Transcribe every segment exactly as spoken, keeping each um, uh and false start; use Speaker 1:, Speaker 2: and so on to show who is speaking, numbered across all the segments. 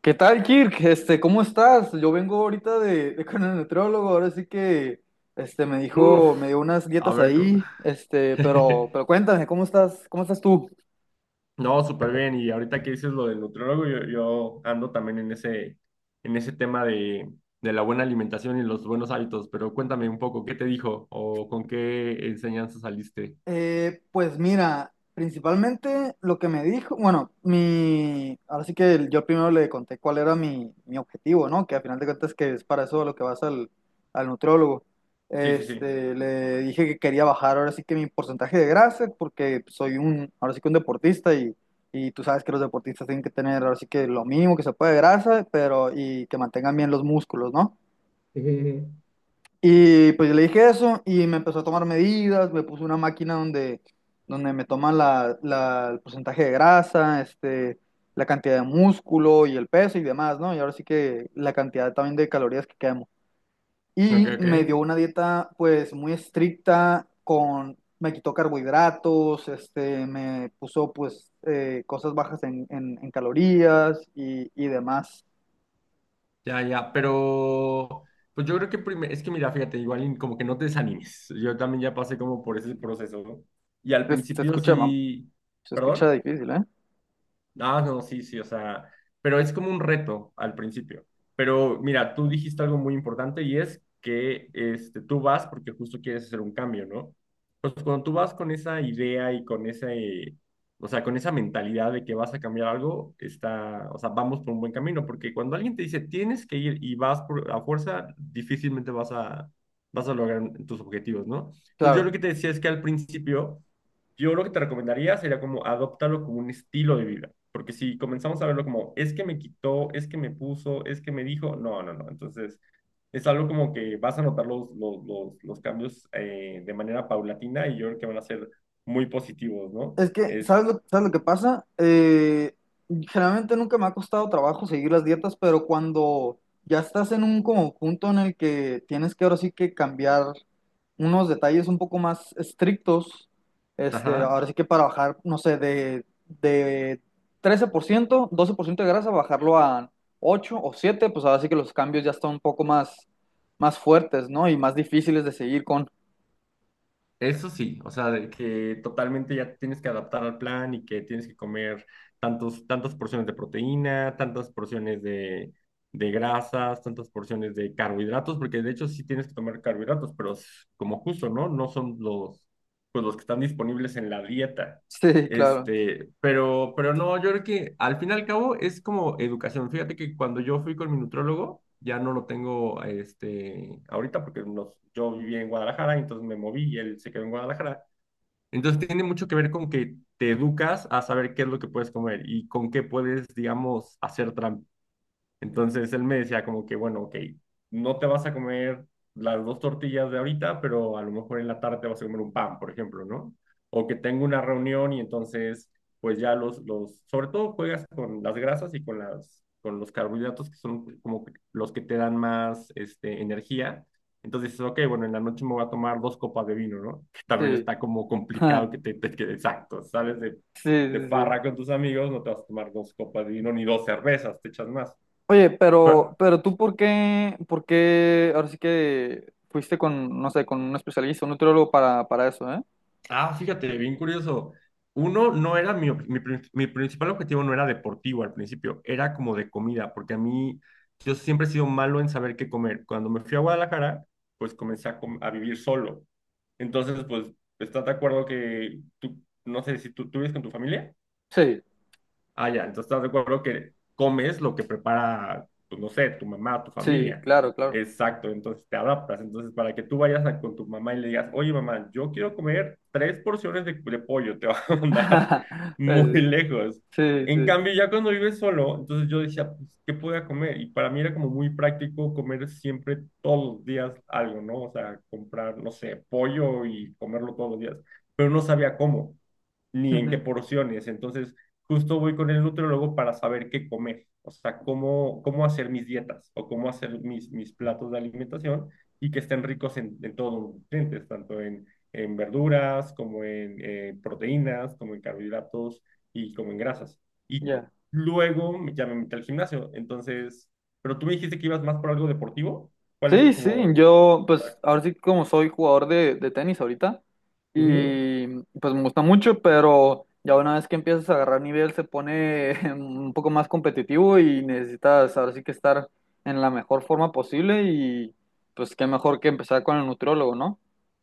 Speaker 1: ¿Qué tal, Kirk? Este, ¿cómo estás? Yo vengo ahorita de, de con el nutriólogo, ahora sí que este me dijo, me
Speaker 2: Uf,
Speaker 1: dio unas
Speaker 2: a
Speaker 1: dietas
Speaker 2: ver, cómo-
Speaker 1: ahí, este, pero pero cuéntame, ¿cómo estás? ¿Cómo estás tú?
Speaker 2: no, súper bien. Y ahorita que dices lo del nutriólogo, yo, yo ando también en ese, en ese tema de, de la buena alimentación y los buenos hábitos, pero cuéntame un poco, ¿qué te dijo o con qué enseñanza saliste?
Speaker 1: Eh, pues mira, principalmente lo que me dijo, bueno, mi, ahora sí que el- yo primero le conté cuál era mi, mi objetivo, ¿no? Que al final de cuentas que es para eso a lo que vas al, al nutriólogo.
Speaker 2: Sí, sí, sí.
Speaker 1: Este, le dije que quería bajar ahora sí que mi porcentaje de grasa, porque soy un, ahora sí que un deportista y, y tú sabes que los deportistas tienen que tener ahora sí que lo mínimo que se puede de grasa, pero y que mantengan bien los músculos, ¿no?
Speaker 2: Ujú.
Speaker 1: Y pues yo le dije eso y me empezó a tomar medidas, me puso una máquina donde, donde me toma la, la- el porcentaje de grasa, este, la cantidad de músculo y el peso y demás, ¿no? Y ahora sí que la cantidad también de calorías que quemo.
Speaker 2: Ok,
Speaker 1: Y
Speaker 2: ok.
Speaker 1: me dio una dieta pues muy estricta con, me quitó carbohidratos, este, me puso pues eh, cosas bajas en, en- en calorías y, y demás.
Speaker 2: Ya, ya, pero pues yo creo que primero, es que mira, fíjate, igual y como que no te desanimes. Yo también ya pasé como por ese proceso, ¿no? Y al
Speaker 1: Se, se
Speaker 2: principio
Speaker 1: escucha, mam-
Speaker 2: sí,
Speaker 1: se
Speaker 2: ¿perdón?
Speaker 1: escucha difícil, ¿eh?
Speaker 2: Ah, no, sí, sí, o sea, pero es como un reto al principio. Pero mira, tú dijiste algo muy importante y es que este, tú vas porque justo quieres hacer un cambio, ¿no? Pues cuando tú vas con esa idea y con ese, o sea, con esa mentalidad de que vas a cambiar algo, está, o sea, vamos por un buen camino, porque cuando alguien te dice tienes que ir y vas por a fuerza, difícilmente vas a, vas a lograr tus objetivos, ¿no? Entonces yo
Speaker 1: Claro.
Speaker 2: lo que te decía es que al principio... Yo lo que te recomendaría sería como adoptarlo como un estilo de vida. Porque si comenzamos a verlo como, es que me quitó, es que me puso, es que me dijo, no, no, no. Entonces, es algo como que vas a notar los, los, los, los cambios eh, de manera paulatina y yo creo que van a ser muy positivos, ¿no?
Speaker 1: Es que,
Speaker 2: Es,
Speaker 1: ¿sabes lo, ¿sabes lo que pasa? Eh, generalmente nunca me ha costado trabajo seguir las dietas, pero cuando ya estás en un como punto en el que tienes que ahora sí que cambiar unos detalles un poco más estrictos, este,
Speaker 2: ajá.
Speaker 1: ahora sí que para bajar, no sé, de, de trece por ciento doce por ciento de grasa, bajarlo a ocho o siete pues ahora sí que los cambios ya están un poco más, más fuertes, ¿no? Y más difíciles de seguir con.
Speaker 2: Eso sí, o sea, de que totalmente ya tienes que adaptar al plan y que tienes que comer tantos, tantas porciones de proteína, tantas porciones de, de grasas, tantas porciones de carbohidratos, porque de hecho sí tienes que tomar carbohidratos, pero es como justo, ¿no? No son los, pues los que están disponibles en la dieta.
Speaker 1: Sí, claro,
Speaker 2: Este, pero, pero no, yo creo que al fin y al cabo es como educación. Fíjate que cuando yo fui con mi nutrólogo, ya no lo tengo, este, ahorita porque nos- yo viví en Guadalajara, entonces me moví y él se quedó en Guadalajara. Entonces tiene mucho que ver con que te educas a saber qué es lo que puedes comer y con qué puedes, digamos, hacer trampa. Entonces él me decía como que, bueno, ok, no te vas a comer las dos tortillas de ahorita, pero a lo mejor en la tarde te vas a comer un pan, por ejemplo, ¿no? O que tengo una reunión y entonces, pues ya los, los, sobre todo juegas con las grasas y con las, con los carbohidratos que son como que los que te dan más, este, energía. Entonces dices, ok, bueno, en la noche me voy a tomar dos copas de vino, ¿no? Que también
Speaker 1: sí.
Speaker 2: está como complicado que te, te que- exacto, sales de,
Speaker 1: Sí,
Speaker 2: de
Speaker 1: sí, sí.
Speaker 2: farra con tus amigos, no te vas a tomar dos copas de vino ni dos cervezas, te echas más.
Speaker 1: Oye, pero,
Speaker 2: Pa-
Speaker 1: pero tú por qué, por qué ahora sí que fuiste con, no sé, con un especialista, un nutriólogo para, para eso, ¿eh?
Speaker 2: Ah, fíjate, bien curioso. Uno no era mi, ob- mi, prin- mi principal objetivo no era deportivo al principio, era como de comida, porque a mí yo siempre he sido malo en saber qué comer. Cuando me fui a Guadalajara, pues comencé a, com- a vivir solo. Entonces, pues, ¿estás de acuerdo que tú, no sé si tú, tú vives con tu familia?
Speaker 1: Sí,
Speaker 2: Ah, ya, entonces estás de acuerdo que comes lo que prepara, pues no sé, tu mamá, tu
Speaker 1: sí,
Speaker 2: familia.
Speaker 1: claro, claro.
Speaker 2: Exacto, entonces te adaptas. Entonces, para que tú vayas a- con tu mamá y le digas, oye mamá, yo quiero comer tres porciones de, de pollo, te va a mandar muy
Speaker 1: Pues,
Speaker 2: lejos.
Speaker 1: sí,
Speaker 2: En
Speaker 1: sí.
Speaker 2: cambio, ya cuando vives solo, entonces yo decía, pues, ¿qué podía comer? Y para mí era como muy práctico comer siempre todos los días algo, ¿no? O sea, comprar, no sé, pollo y comerlo todos los días, pero no sabía cómo ni en qué
Speaker 1: Ujú.
Speaker 2: porciones. Entonces, justo voy con el nutriólogo para saber qué comer, o sea, cómo, cómo hacer mis dietas o cómo hacer mis, mis platos de alimentación y que estén ricos en, en todos los nutrientes, tanto en, en verduras como en eh, proteínas, como en carbohidratos y como en grasas. Y
Speaker 1: Ya.
Speaker 2: luego ya me metí al gimnasio, entonces, pero tú me dijiste que ibas más por algo deportivo, ¿cuál es
Speaker 1: Sí, sí,
Speaker 2: como...
Speaker 1: yo pues ahora sí como soy jugador de, de tenis ahorita
Speaker 2: Ujú.
Speaker 1: y pues me gusta mucho, pero ya una vez que empiezas a agarrar nivel se pone un poco más competitivo y necesitas ahora sí que estar en la mejor forma posible y pues qué mejor que empezar con el nutriólogo, ¿no?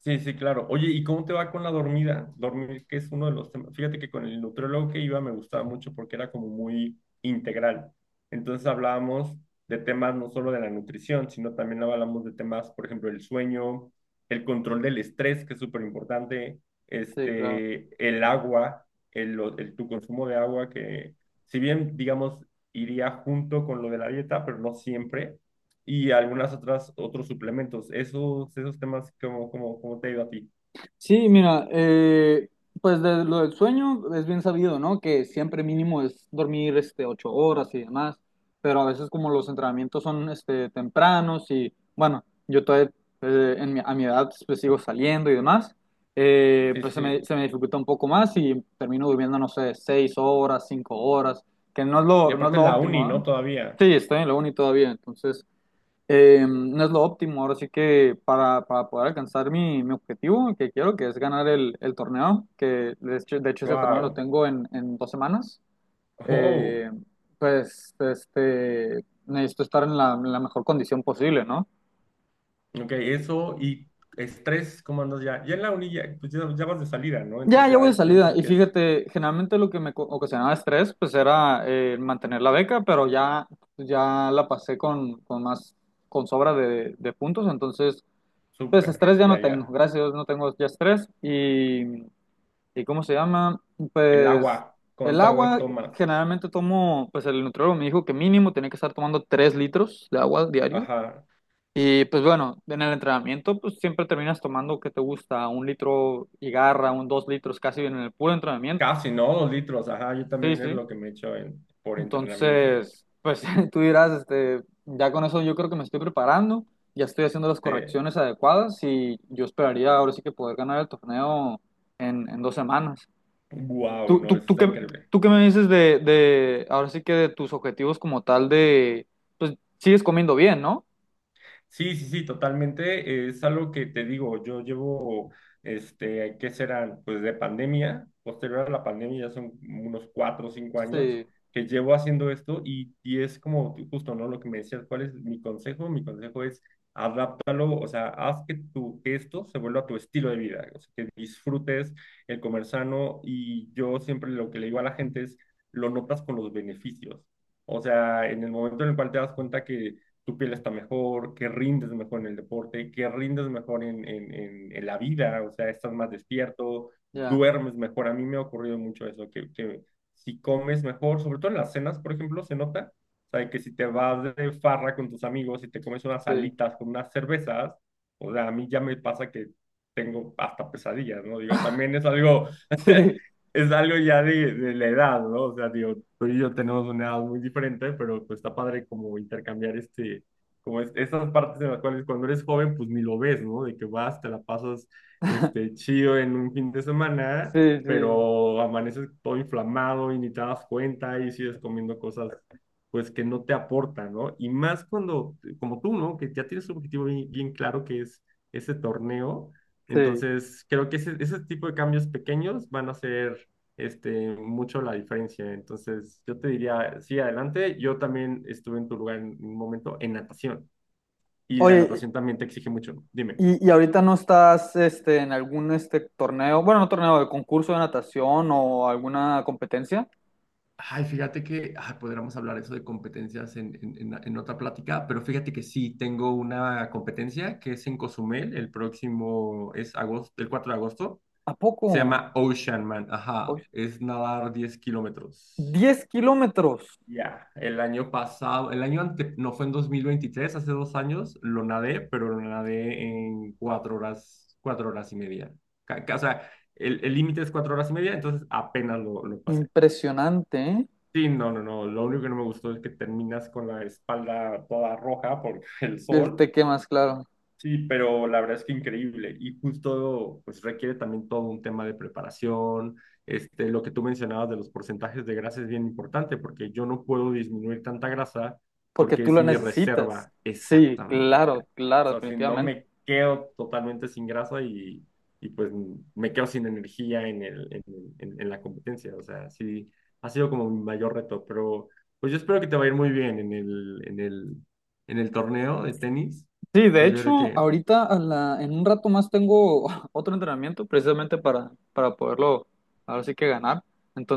Speaker 2: Sí, sí, claro. Oye, ¿y cómo te va con la dormida? Dormir, que es uno de los temas. Fíjate que con el nutriólogo que iba me gustaba mucho porque era como muy integral. Entonces hablábamos de temas no solo de la nutrición, sino también hablábamos de temas, por ejemplo, el sueño, el control del estrés, que es súper importante,
Speaker 1: Sí, claro.
Speaker 2: este, el agua, el, el- tu consumo de agua, que si bien, digamos, iría junto con lo de la dieta, pero no siempre y algunas otras, otros suplementos. Esos, esos temas, ¿cómo, cómo, cómo te ha ido a ti?
Speaker 1: Sí, mira, eh, pues de lo del sueño es bien sabido, ¿no? Que siempre mínimo es dormir este, ocho horas y demás, pero a veces como los entrenamientos son este, tempranos y bueno, yo todavía eh, en mi- a mi edad pues sigo saliendo y demás, eh,
Speaker 2: Sí,
Speaker 1: pues
Speaker 2: sí,
Speaker 1: se
Speaker 2: sí.
Speaker 1: me, se me dificulta un poco más y termino durmiendo, no sé, seis horas, cinco horas, que no es
Speaker 2: Y
Speaker 1: lo, no es
Speaker 2: aparte
Speaker 1: lo
Speaker 2: la
Speaker 1: óptimo,
Speaker 2: uni,
Speaker 1: ¿ah?
Speaker 2: ¿no? Todavía.
Speaker 1: Sí, estoy en la uni todavía, entonces eh, no es lo óptimo. Ahora sí que para, para poder alcanzar mi, mi objetivo que quiero, que es ganar el, el torneo, que de hecho, de hecho ese torneo lo
Speaker 2: Wow.
Speaker 1: tengo en, en dos semanas,
Speaker 2: Oh.
Speaker 1: eh, pues este, necesito estar en la, en la mejor condición posible, ¿no?
Speaker 2: Ok, eso y estrés, ¿cómo andas ya? Ya en la uni ya, pues ya, ya vas de salida, ¿no?
Speaker 1: Ya,
Speaker 2: Entonces
Speaker 1: ya voy de
Speaker 2: ya
Speaker 1: salida.
Speaker 2: pienso
Speaker 1: Y
Speaker 2: que es
Speaker 1: fíjate, generalmente lo que me co- ocasionaba estrés, pues era eh, mantener la beca, pero ya, ya la pasé con, con más, con sobra de, de puntos, entonces... Pues
Speaker 2: súper,
Speaker 1: estrés ya no
Speaker 2: ya,
Speaker 1: tengo,
Speaker 2: ya.
Speaker 1: gracias a Dios no tengo ya estrés y ¿y cómo se llama?
Speaker 2: El
Speaker 1: Pues
Speaker 2: agua,
Speaker 1: el
Speaker 2: ¿cuánta agua
Speaker 1: agua,
Speaker 2: tomas?
Speaker 1: generalmente tomo, pues el nutriólogo me dijo que mínimo tenía que estar tomando tres litros de agua diario.
Speaker 2: Ajá.
Speaker 1: Y pues bueno, en el entrenamiento pues siempre terminas tomando, ¿qué te gusta? Un litro y garra, un dos litros casi en el puro entrenamiento.
Speaker 2: Casi, ¿no? Dos litros, ajá. Yo
Speaker 1: Sí,
Speaker 2: también es
Speaker 1: sí.
Speaker 2: lo que me echo en, por entrenamiento.
Speaker 1: Entonces, pues tú dirás, este, ya con eso yo creo que me estoy preparando, ya estoy haciendo las
Speaker 2: Este,
Speaker 1: correcciones adecuadas y yo esperaría ahora sí que poder ganar el torneo en, en dos semanas.
Speaker 2: wow,
Speaker 1: ¿Tú,
Speaker 2: no,
Speaker 1: tú,
Speaker 2: eso
Speaker 1: ¿tú
Speaker 2: está
Speaker 1: qué,
Speaker 2: increíble.
Speaker 1: tú qué me dices de, de, ahora sí que de tus objetivos como tal de, pues sigues comiendo bien, ¿no?
Speaker 2: Sí, sí, sí, totalmente. Es algo que te digo, yo llevo, este, ¿qué serán? Pues de pandemia, posterior a la pandemia, ya son unos cuatro o cinco años
Speaker 1: Sí,
Speaker 2: que llevo haciendo esto y, y es como tú justo, ¿no? Lo que me decías, ¿cuál es mi consejo? Mi consejo es adáptalo, o sea, haz que tu, que esto se vuelva tu estilo de vida, o sea, que disfrutes el comer sano y yo siempre lo que le digo a la gente es, lo notas con los beneficios. O sea, en el momento en el cual te das cuenta que tu piel está mejor, que rindes mejor en el deporte, que rindes mejor en, en, en, en la vida, o sea, estás más despierto,
Speaker 1: ya,
Speaker 2: duermes mejor. A mí me ha ocurrido mucho eso, que, que si comes mejor, sobre todo en las cenas, por ejemplo, se nota, o sea, que si te vas de farra con tus amigos y te comes unas
Speaker 1: sí,
Speaker 2: alitas con unas cervezas, o sea, a mí ya me pasa que tengo hasta pesadillas, ¿no? Digo, también es algo
Speaker 1: sí,
Speaker 2: es algo ya de, de la edad, ¿no? O sea, digo, tú y yo tenemos una edad muy diferente, pero pues está padre como intercambiar este, como es, esas partes en las cuales cuando eres joven, pues ni lo ves, ¿no? De que vas, te la pasas este, chido en un fin de
Speaker 1: sí,
Speaker 2: semana,
Speaker 1: sí,
Speaker 2: pero amaneces todo inflamado y ni te das cuenta y sigues comiendo cosas, pues que no te aportan, ¿no? Y más cuando, como tú, ¿no? Que ya tienes un objetivo bien, bien claro que es ese torneo
Speaker 1: sí.
Speaker 2: entonces, creo que ese, ese tipo de cambios pequeños van a hacer este, mucho la diferencia. Entonces, yo te diría, sí, adelante. Yo también estuve en tu lugar en un momento en natación y la
Speaker 1: Oye,
Speaker 2: natación también te exige mucho. Dime.
Speaker 1: y, y ahorita no estás, este, en algún, este, torneo, bueno, no torneo, de concurso de natación o alguna competencia.
Speaker 2: Ay, fíjate que ay, podríamos hablar eso de competencias en, en- en- en otra plática, pero fíjate que sí, tengo una competencia que es en Cozumel, el próximo es agosto, el cuatro de agosto,
Speaker 1: ¿A
Speaker 2: se
Speaker 1: poco?
Speaker 2: llama Ocean Man,
Speaker 1: Oye,
Speaker 2: ajá, es nadar diez kilómetros.
Speaker 1: diez kilómetros.
Speaker 2: Ya, el año pasado, el año ante, no fue en dos mil veintitrés, hace dos años, lo nadé, pero lo nadé en cuatro horas, cuatro horas y media. Ca- ca- O sea, el el límite es cuatro horas y media, entonces apenas lo, lo pasé.
Speaker 1: Impresionante, ¿eh?
Speaker 2: Sí, no, no, no, lo único que no me gustó es que terminas con la espalda toda roja por el
Speaker 1: El
Speaker 2: sol.
Speaker 1: te quemas, claro,
Speaker 2: Sí, pero la verdad es que increíble y justo pues requiere también todo un tema de preparación, este, lo que tú mencionabas de los porcentajes de grasa es bien importante porque yo no puedo disminuir tanta grasa
Speaker 1: porque
Speaker 2: porque
Speaker 1: tú
Speaker 2: es
Speaker 1: lo
Speaker 2: mi
Speaker 1: necesitas.
Speaker 2: reserva
Speaker 1: Sí,
Speaker 2: exactamente.
Speaker 1: claro,
Speaker 2: O
Speaker 1: claro,
Speaker 2: sea, si no
Speaker 1: definitivamente.
Speaker 2: me quedo totalmente sin grasa y, y pues me quedo sin energía en el, en, en, en la competencia, o sea, sí, ha sido como mi mayor reto, pero pues yo espero que te va a ir muy bien en el, en el, en el torneo de tenis.
Speaker 1: Sí, de
Speaker 2: Entonces yo creo
Speaker 1: hecho,
Speaker 2: que
Speaker 1: ahorita a la- en un rato más tengo otro entrenamiento precisamente para, para poderlo ahora sí que ganar.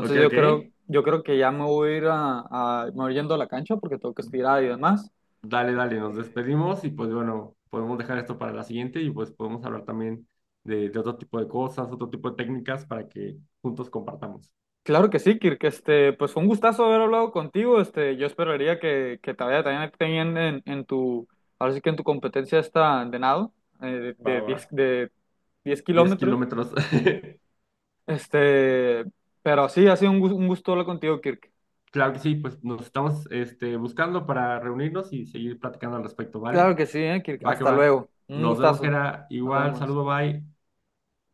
Speaker 2: Ok,
Speaker 1: yo
Speaker 2: ok.
Speaker 1: creo, yo creo que ya me voy a ir a, a- me voy yendo a la cancha porque tengo que estirar y demás.
Speaker 2: Dale, dale, nos despedimos y pues bueno, podemos dejar esto para la siguiente y pues podemos hablar también de, de otro tipo de cosas, otro tipo de técnicas para que juntos compartamos.
Speaker 1: Claro que sí, Kirk, este, pues fue un gustazo haber hablado contigo. Este, yo esperaría que, que te vaya también bien en, en tu, ahora sí que en tu competencia esta de nado, eh,
Speaker 2: Va,
Speaker 1: de
Speaker 2: va.
Speaker 1: diez de diez
Speaker 2: diez
Speaker 1: kilómetros.
Speaker 2: kilómetros.
Speaker 1: Este, pero sí, ha sido un, gu- un gusto hablar contigo, Kirk.
Speaker 2: Claro que sí, pues nos estamos este, buscando para reunirnos y seguir platicando al respecto,
Speaker 1: Claro
Speaker 2: ¿vale?
Speaker 1: que sí, ¿eh? Kirk.
Speaker 2: Va que
Speaker 1: Hasta
Speaker 2: va.
Speaker 1: luego. Un
Speaker 2: Nos vemos,
Speaker 1: gustazo.
Speaker 2: Gera.
Speaker 1: Nos
Speaker 2: Igual,
Speaker 1: vemos.
Speaker 2: saludo, bye.